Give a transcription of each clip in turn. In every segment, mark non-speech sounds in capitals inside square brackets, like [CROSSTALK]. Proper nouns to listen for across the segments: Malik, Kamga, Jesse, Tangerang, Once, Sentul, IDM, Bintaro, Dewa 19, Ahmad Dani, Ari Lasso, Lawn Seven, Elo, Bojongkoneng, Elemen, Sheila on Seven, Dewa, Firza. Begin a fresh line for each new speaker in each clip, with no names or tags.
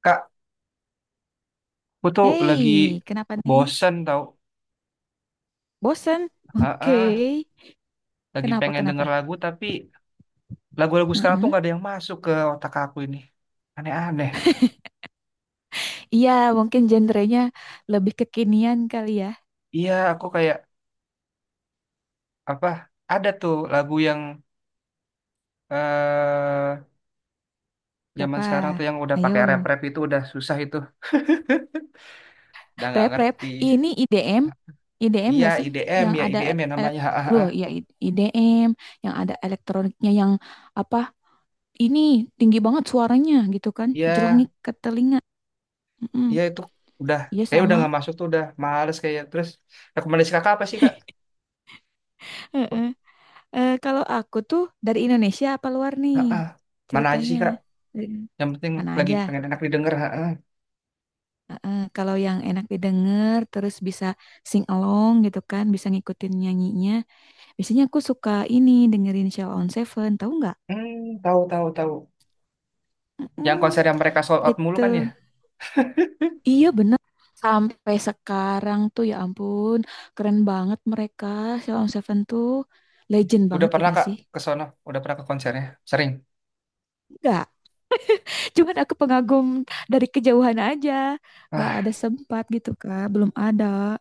Kak, aku tuh lagi
Hei, kenapa nih?
bosen tau.
Bosen?
Ah, ah,
Oke.
lagi
Kenapa,
pengen denger
kenapa?
lagu tapi lagu-lagu sekarang tuh
Heeh.
nggak ada yang masuk ke otak aku ini. Aneh-aneh.
Iya, mungkin genrenya lebih kekinian kali ya.
Iya, aku kayak apa? Ada tuh lagu yang eh zaman
Siapa?
sekarang tuh yang udah
Ayo.
pakai rap-rap itu udah susah itu, udah nggak
Rap, rap.
ngerti.
Ini IDM. IDM
Iya,
gak sih?
IDM
Yang
ya,
ada...
IDM ya
ele-
namanya. Ah, ah,
Loh,
ah.
iya IDM. Yang ada elektroniknya yang apa? Ini tinggi banget suaranya gitu kan.
Iya,
Jelengik ke telinga. Mm-mm.
iya itu udah
Iya,
kayak udah
sama.
nggak masuk tuh udah males kayak. Terus rekomendasi kakak apa sih, kak?
Heeh. Kalau aku tuh dari Indonesia apa luar nih
Ah, ah. Mana aja
ceritanya?
sih, kak? Yang penting
Mana
lagi
aja.
pengen enak didengar. Ha ha.
Heeh, kalau yang enak didengar, terus bisa sing along gitu kan, bisa ngikutin nyanyinya. Biasanya aku suka ini dengerin Sheila on Seven, tahu nggak?
Hmm, tahu tahu tahu. Yang konser
Mm,
yang mereka sold out mulu
gitu.
kan ya.
Iya bener. Sampai sekarang tuh ya ampun, keren banget mereka. Sheila on Seven tuh legend
Udah
banget ya
pernah,
nggak
Kak,
sih?
ke sono? Udah pernah ke konsernya? Sering.
Enggak, cuman aku pengagum dari kejauhan aja. Nggak ada
Ah,
sempat gitu kak, belum ada.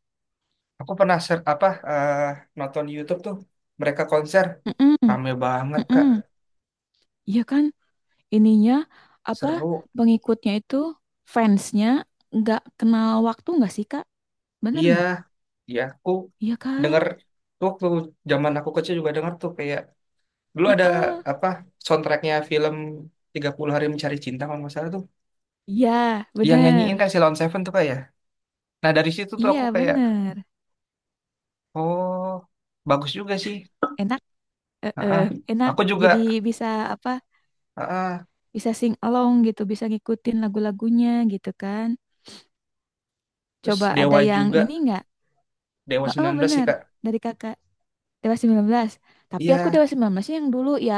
aku pernah nonton di YouTube tuh mereka konser
Mm-mm,
rame banget, Kak.
mm-mm. Iya kan, ininya apa
Seru.
pengikutnya itu fansnya nggak kenal waktu nggak sih Kak? Bener
Iya,
nggak?
iya aku
Iya
denger
kan?
tuh waktu zaman aku kecil juga denger tuh kayak dulu ada
Heeh.
apa soundtracknya film 30 hari mencari cinta kalau nggak salah tuh.
Iya,
Dia yang
bener.
nyanyiin kan si Lawn Seven tuh, Kak, ya. Nah, dari situ tuh aku
Iya,
kayak,
bener.
oh, bagus juga sih.
Enak, eh, eh,
Ah,
enak.
aku juga
Jadi bisa apa?
ah,
Bisa sing along gitu, bisa ngikutin lagu-lagunya gitu kan.
terus
Coba ada
Dewa
yang
juga,
ini nggak?
Dewa 19 sih,
Bener.
Kak.
Dari Kakak Dewa 19. Tapi aku
Iya,
Dewa 19 yang dulu ya,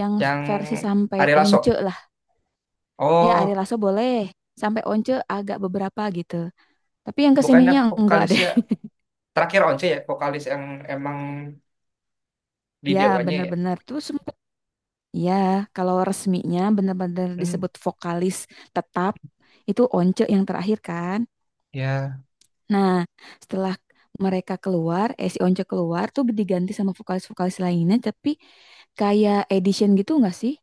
yang
yang
versi sampai
Ari Lasso.
once. Ya, Ari
Oh,
Lasso boleh. Sampai Once agak beberapa gitu. Tapi yang
bukannya
kesininya enggak deh.
vokalisnya
[LAUGHS]
terakhir Once ya, vokalis yang emang di
Ya,
Dewanya ya.
bener-bener tuh sempet. Ya, kalau resminya bener-bener
Hmm,
disebut vokalis tetap. Itu Once yang terakhir kan.
ya.
Nah, setelah mereka keluar, si Once keluar tuh diganti sama vokalis-vokalis lainnya. Tapi kayak edition gitu enggak sih?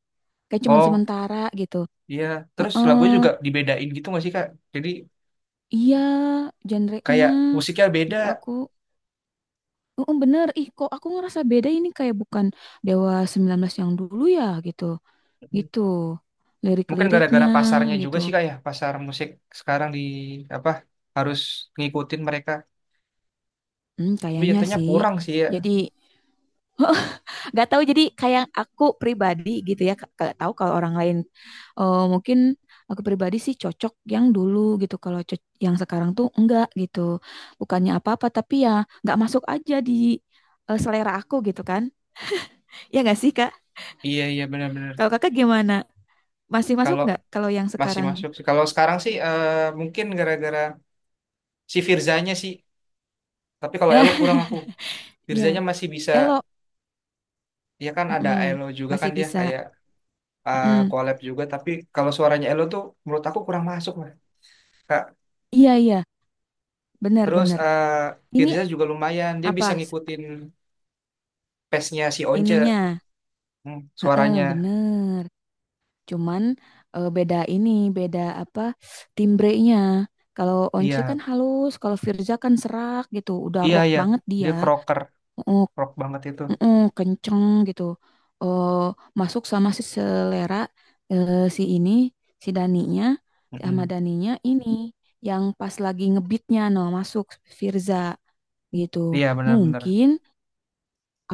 Kayak cuman
Oh,
sementara gitu.
iya. Terus lagunya
Heeh,
juga dibedain gitu nggak sih, Kak? Jadi
iya, genre-nya.
kayak musiknya beda.
Jadi aku oh, bener. Ih, kok aku ngerasa beda ini kayak bukan Dewa 19 yang dulu ya gitu.
Hmm,
Gitu.
mungkin gara-gara
Lirik-liriknya
pasarnya juga
gitu.
sih, Kak, ya, pasar musik sekarang di apa harus ngikutin mereka.
Hmm,
Tapi
kayaknya
jatuhnya
sih.
kurang sih ya.
Jadi nggak tahu jadi kayak aku pribadi gitu ya. Nggak tahu kalau orang lain mungkin aku pribadi sih cocok yang dulu gitu. Yang sekarang tuh enggak gitu. Bukannya apa-apa tapi ya nggak masuk aja di selera aku gitu kan. Ya nggak sih, Kak?
Iya iya benar-benar.
Kalau Kakak gimana? Masih masuk
Kalau
nggak kalau yang
masih
sekarang?
masuk sih. Kalau sekarang sih mungkin gara-gara si Firzanya sih. Tapi kalau Elo
[LAUGHS]
kurang aku.
Iya.
Firzanya masih bisa.
Elo,
Ya kan ada
mm-mm,
Elo juga kan
masih
dia
bisa.
kayak
Mm-mm.
collab juga. Tapi kalau suaranya Elo tuh menurut aku kurang masuk lah, Kak.
Iya iya,
Terus
benar-benar. Ini
Firza juga lumayan. Dia
apa
bisa ngikutin pace-nya si Once.
ininya?
Hmm,
Heeh,
suaranya.
bener. Cuman beda ini, beda apa timbrenya. Kalau Once
Iya
kan halus, kalau Firza kan serak gitu. Udah
iya
rock
iya.
banget dia.
Dia crocker,
Oh,
rock banget itu.
mm-mm, kenceng gitu. Eh, Masuk sama si selera si ini, si Daninya, si Ahmad
Mm-mm.
Daninya ini yang pas lagi ngebeatnya no masuk Firza. Gitu.
Iya benar-benar.
Mungkin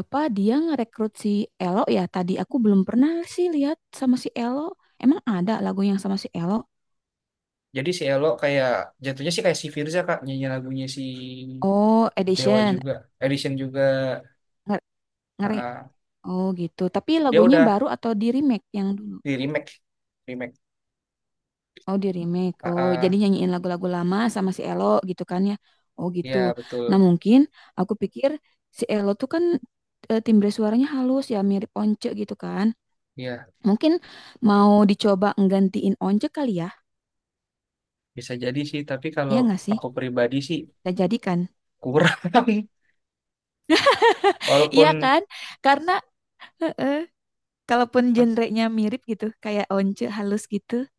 apa dia ngerekrut si Elo ya? Tadi aku belum pernah sih lihat sama si Elo. Emang ada lagu yang sama si Elo?
Jadi si Elo kayak jatuhnya sih kayak si Firza, Kak, nyanyi lagunya si
Oh,
Dewa
edition.
juga, Edition juga.
Nge- ngere
Aa.
Oh, gitu. Tapi
Dia
lagunya
udah
baru atau di remake yang dulu?
di remake, remake.
Oh, di remake. Oh, jadi
Aa.
nyanyiin lagu-lagu lama sama si Elo gitu kan ya. Oh, gitu.
Ya
Nah,
betul.
mungkin aku pikir si Elo tuh kan timbre suaranya halus ya, mirip Once gitu kan.
Ya
Mungkin mau dicoba nggantiin Once kali ya.
bisa jadi sih. Tapi kalau
Iya nggak sih?
aku pribadi sih
Kita jadikan.
kurang. [LAUGHS]
Iya
Walaupun
kan? Karena heeh. Kalaupun
ah,
genrenya mirip gitu, kayak once halus gitu,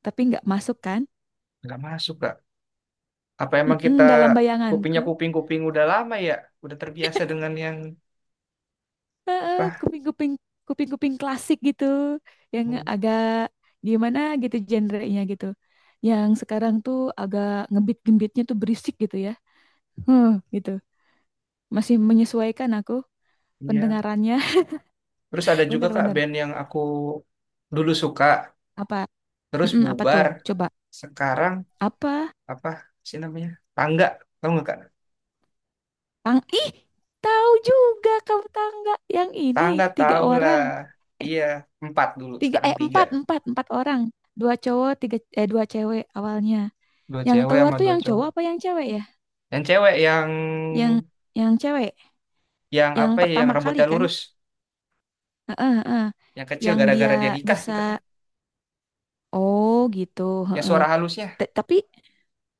tapi nggak masuk kan?
nggak masuk, Kak. Apa emang
Mm-mm,
kita
dalam bayanganku,
kuping-kuping udah lama ya? Udah terbiasa dengan yang
heeh,
apa?
kuping-kuping klasik gitu, yang
Hmm,
agak gimana gitu genrenya gitu. Yang sekarang tuh agak ngebeat-ngebitnya tuh berisik gitu ya. Huh, gitu. Masih menyesuaikan aku
iya.
pendengarannya.
Terus ada
[LAUGHS]
juga, Kak,
Bener-bener.
band yang aku dulu suka,
Apa?
terus
Mm-mm, apa tuh?
bubar.
Coba.
Sekarang
Apa
apa sih namanya, tangga, tahu nggak, kak?
Tang ih, tahu juga kamu tangga yang ini
Tangga,
tiga
tau lah.
orang. Eh,
Iya, empat dulu
Tiga
sekarang tiga.
empat, empat orang. Dua cowok, tiga dua cewek awalnya.
Dua
Yang
cewek
keluar
sama
tuh
dua
yang cowok
cowok.
apa yang cewek ya?
Yang cewek,
Yang yang cewek,
yang
yang
apa ya, yang
pertama
rambutnya
kali kan?
lurus,
Heeh, heeh.
yang kecil,
Yang dia
gara-gara dia nikah sih
bisa
katanya,
oh gitu,
yang
heeh.
suara halusnya.
Tapi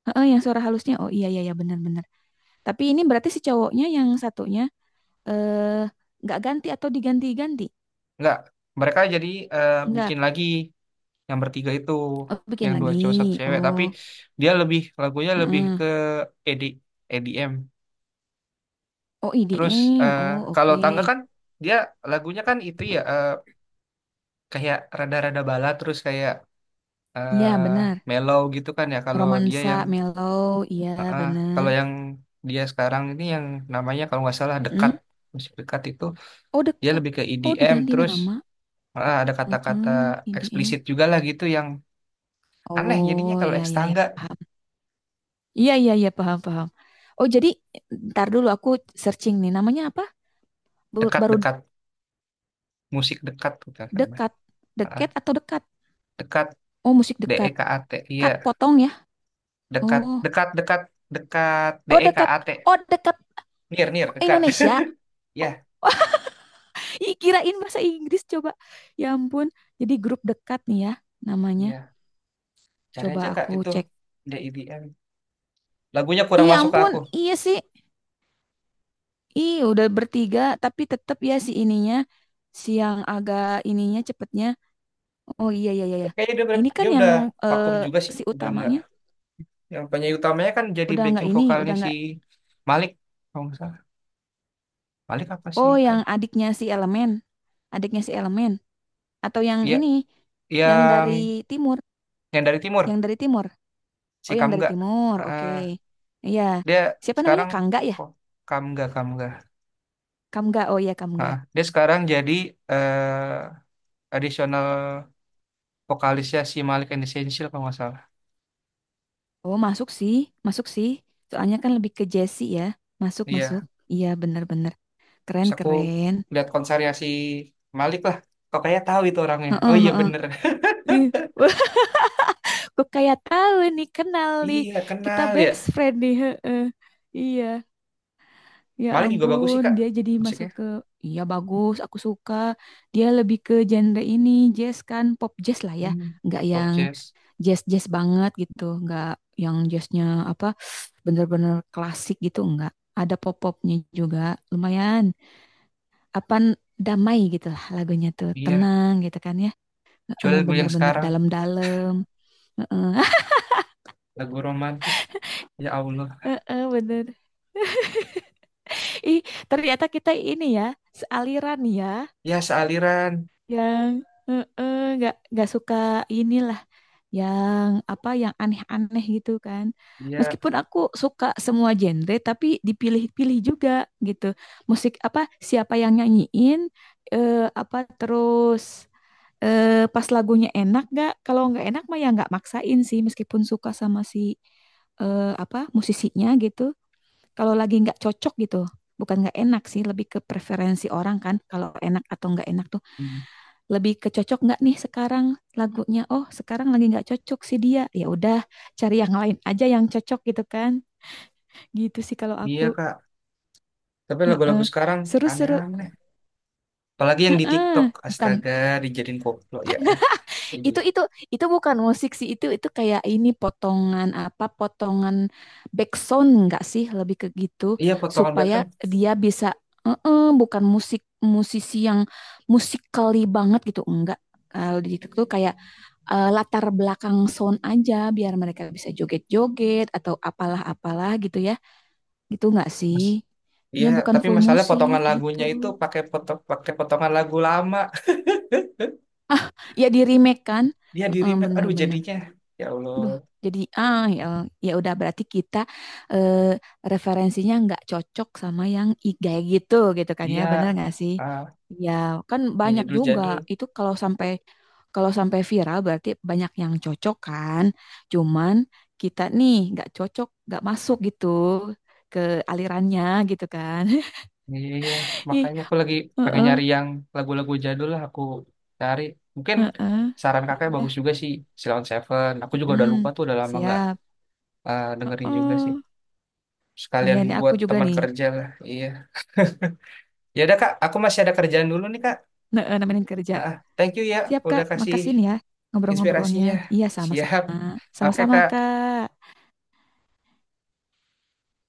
heeh yang suara halusnya. Oh iya iya iya benar-benar. Tapi ini berarti si cowoknya yang satunya eh nggak ganti atau diganti-ganti?
Nggak, mereka jadi
Enggak.
bikin lagi yang bertiga itu,
Oh, bikin
yang dua
lagi.
cowok satu cewek, tapi
Oh,
dia lebih lagunya lebih
heeh.
ke ED, EDM.
Oh,
Terus
IDM.
eh,
Oh, oke.
kalau tangga
Mm.
kan dia lagunya kan itu ya, kayak rada-rada bala terus kayak
Iya,
eh
benar.
mellow gitu kan ya kalau dia
Romansa
yang.
Mellow. Iya,
Ah, kalau
benar.
yang dia sekarang ini yang namanya kalau nggak salah dekat,
Mm.
musik dekat itu,
Oh,
dia
dekat.
lebih ke
Oh,
EDM.
diganti
Terus
nama.
heeh, ada kata-kata
Heeh, IDM.
eksplisit juga lah gitu yang aneh jadinya,
Oh,
kalau
iya,
eks
iya, iya.
tangga
Paham. Iya, iya, iya. Paham, paham. Oh, jadi ntar dulu aku searching nih. Namanya apa? Baru
dekat-dekat, musik dekat gitu kan namanya.
dekat.
Heeh,
Deket atau dekat?
dekat,
Oh, musik dekat.
DEKAT, iya
Cut potong ya.
dekat
Oh.
dekat dekat dekat
Oh, dekat.
DEKAT,
Oh, dekat
near near dekat.
Indonesia.
[LAUGHS] Ya,
Oh. Ih, kirain bahasa Inggris coba. Ya ampun, jadi grup dekat nih ya namanya.
iya, cari
Coba
aja Kak
aku
itu
cek.
DEDM, lagunya kurang
Ih,
masuk ke
ampun,
aku.
iya sih. Ih, udah bertiga tapi tetap ya si ininya si yang agak ininya cepetnya. Oh iya iya iya. Iya.
Kayaknya dia,
Ini kan
dia
yang
udah
eh,
vakum juga sih,
si
udah nggak.
utamanya
Yang penyanyi utamanya kan jadi
udah nggak
backing
ini,
vokalnya
udah
si
nggak.
Malik, kalau nggak salah. Malik apa sih?
Oh, yang adiknya si Elemen atau yang
Iya,
ini yang
yang
dari timur,
yang dari timur,
yang dari timur.
si
Oh, yang dari
Kamga.
timur. Oke.
Ah,
Iya.
dia
Siapa namanya?
sekarang
Kangga ya?
kok Kamga Kamga.
Kamu nggak, oh iya kamu
Ah,
nggak.
dia sekarang jadi eh additional vokalisnya si Malik and Essential kalau nggak salah.
Oh masuk sih, masuk sih. Soalnya kan lebih ke Jesse ya. Masuk, masuk.
Iya,
Iya bener-bener. Keren,
terus aku
keren.
lihat konsernya si Malik lah. Kok kayak tahu itu orangnya. Oh
Heeh,
iya
heeh.
bener. [LAUGHS]
Ih, wah, [LAUGHS] kok kayak tahu nih, kenal nih.
Iya
Kita
kenal
best
ya.
friend nih. Heeh. Iya, ya
Malik juga bagus sih,
ampun.
kak,
Dia jadi
musiknya.
masuk ke, iya bagus, aku suka. Dia lebih ke genre ini, jazz kan, pop jazz lah ya.
Hmm.
Nggak
Pop
yang
jazz.
jazz-jazz banget gitu, nggak yang jazznya apa bener-bener klasik gitu nggak. Ada pop-popnya juga lumayan apa damai gitu lah lagunya tuh
Iya,
tenang gitu kan ya
coba lagu yang
bener-bener
sekarang,
dalam-dalam. [LAUGHS]
lagu romantis, ya Allah.
Heeh, bener ih ternyata kita ini ya sealiran ya
Ya, sealiran,
yang nggak suka inilah yang apa yang aneh-aneh gitu kan.
iya.
Meskipun aku suka semua genre tapi dipilih-pilih juga gitu. Musik apa siapa yang nyanyiin apa terus pas lagunya enak gak? Kalau nggak enak mah ya nggak maksain sih meskipun suka sama si apa musisinya gitu. Kalau lagi nggak cocok gitu, bukan nggak enak sih, lebih ke preferensi orang kan. Kalau enak atau nggak enak tuh
Hmm.
lebih kecocok nggak nih sekarang lagunya oh sekarang lagi nggak cocok sih dia ya udah cari yang lain aja yang cocok gitu kan gitu sih kalau aku.
Iya, kak, tapi lagu-lagu
Heeh.
sekarang
Seru-seru.
aneh-aneh, apalagi yang di
Heeh.
TikTok,
Bukan
astaga, dijadiin koplo ya. Ya,
itu
jelek.
itu bukan musik sih itu kayak ini potongan apa potongan background nggak sih lebih ke gitu
Iya, potongan
supaya
backsound,
dia bisa. Heeh, bukan musik musisi yang musikali banget gitu enggak kalau di itu tuh kayak latar belakang sound aja biar mereka bisa joget-joget atau apalah-apalah gitu ya. Gitu nggak sih?
mas. Iya,
Ya bukan
tapi
full
masalah
musik
potongan
gitu.
lagunya itu pakai foto, pakai potongan lagu lama,
Ya di remake kan?
dia di
Heeh,
remake, aduh
bener-bener.
jadinya ya Allah.
Duh, jadi ah ya, ya udah berarti kita eh, referensinya nggak cocok sama gitu gitu kan ya,
Iya,
bener nggak sih?
ah,
Ya kan
yang
banyak juga
jadul-jadul.
itu kalau sampai viral berarti banyak yang cocok kan, cuman kita nih nggak cocok, nggak masuk gitu ke alirannya gitu kan?
Iya,
[LAUGHS] Ih,
makanya aku lagi pengen
heeh,
nyari yang lagu-lagu jadul lah aku cari. Mungkin
heeh.
saran kakak
Iya,
bagus juga sih, Silent Seven. Aku juga udah lupa
mm-mm,
tuh, udah lama nggak
siap.
dengerin juga sih.
Heeh. Iya
Sekalian
nih aku
buat
juga
teman
nih,
kerja lah, iya. Ya udah kak, aku masih ada kerjaan dulu nih, kak.
nah, nemenin kerja.
Ah, thank you ya,
Siap,
udah
Kak.
kasih
Makasih nih ya ngobrol-ngobrolnya.
inspirasinya.
Iya,
Siap.
sama-sama.
Oke
Sama-sama,
kak.
Kak.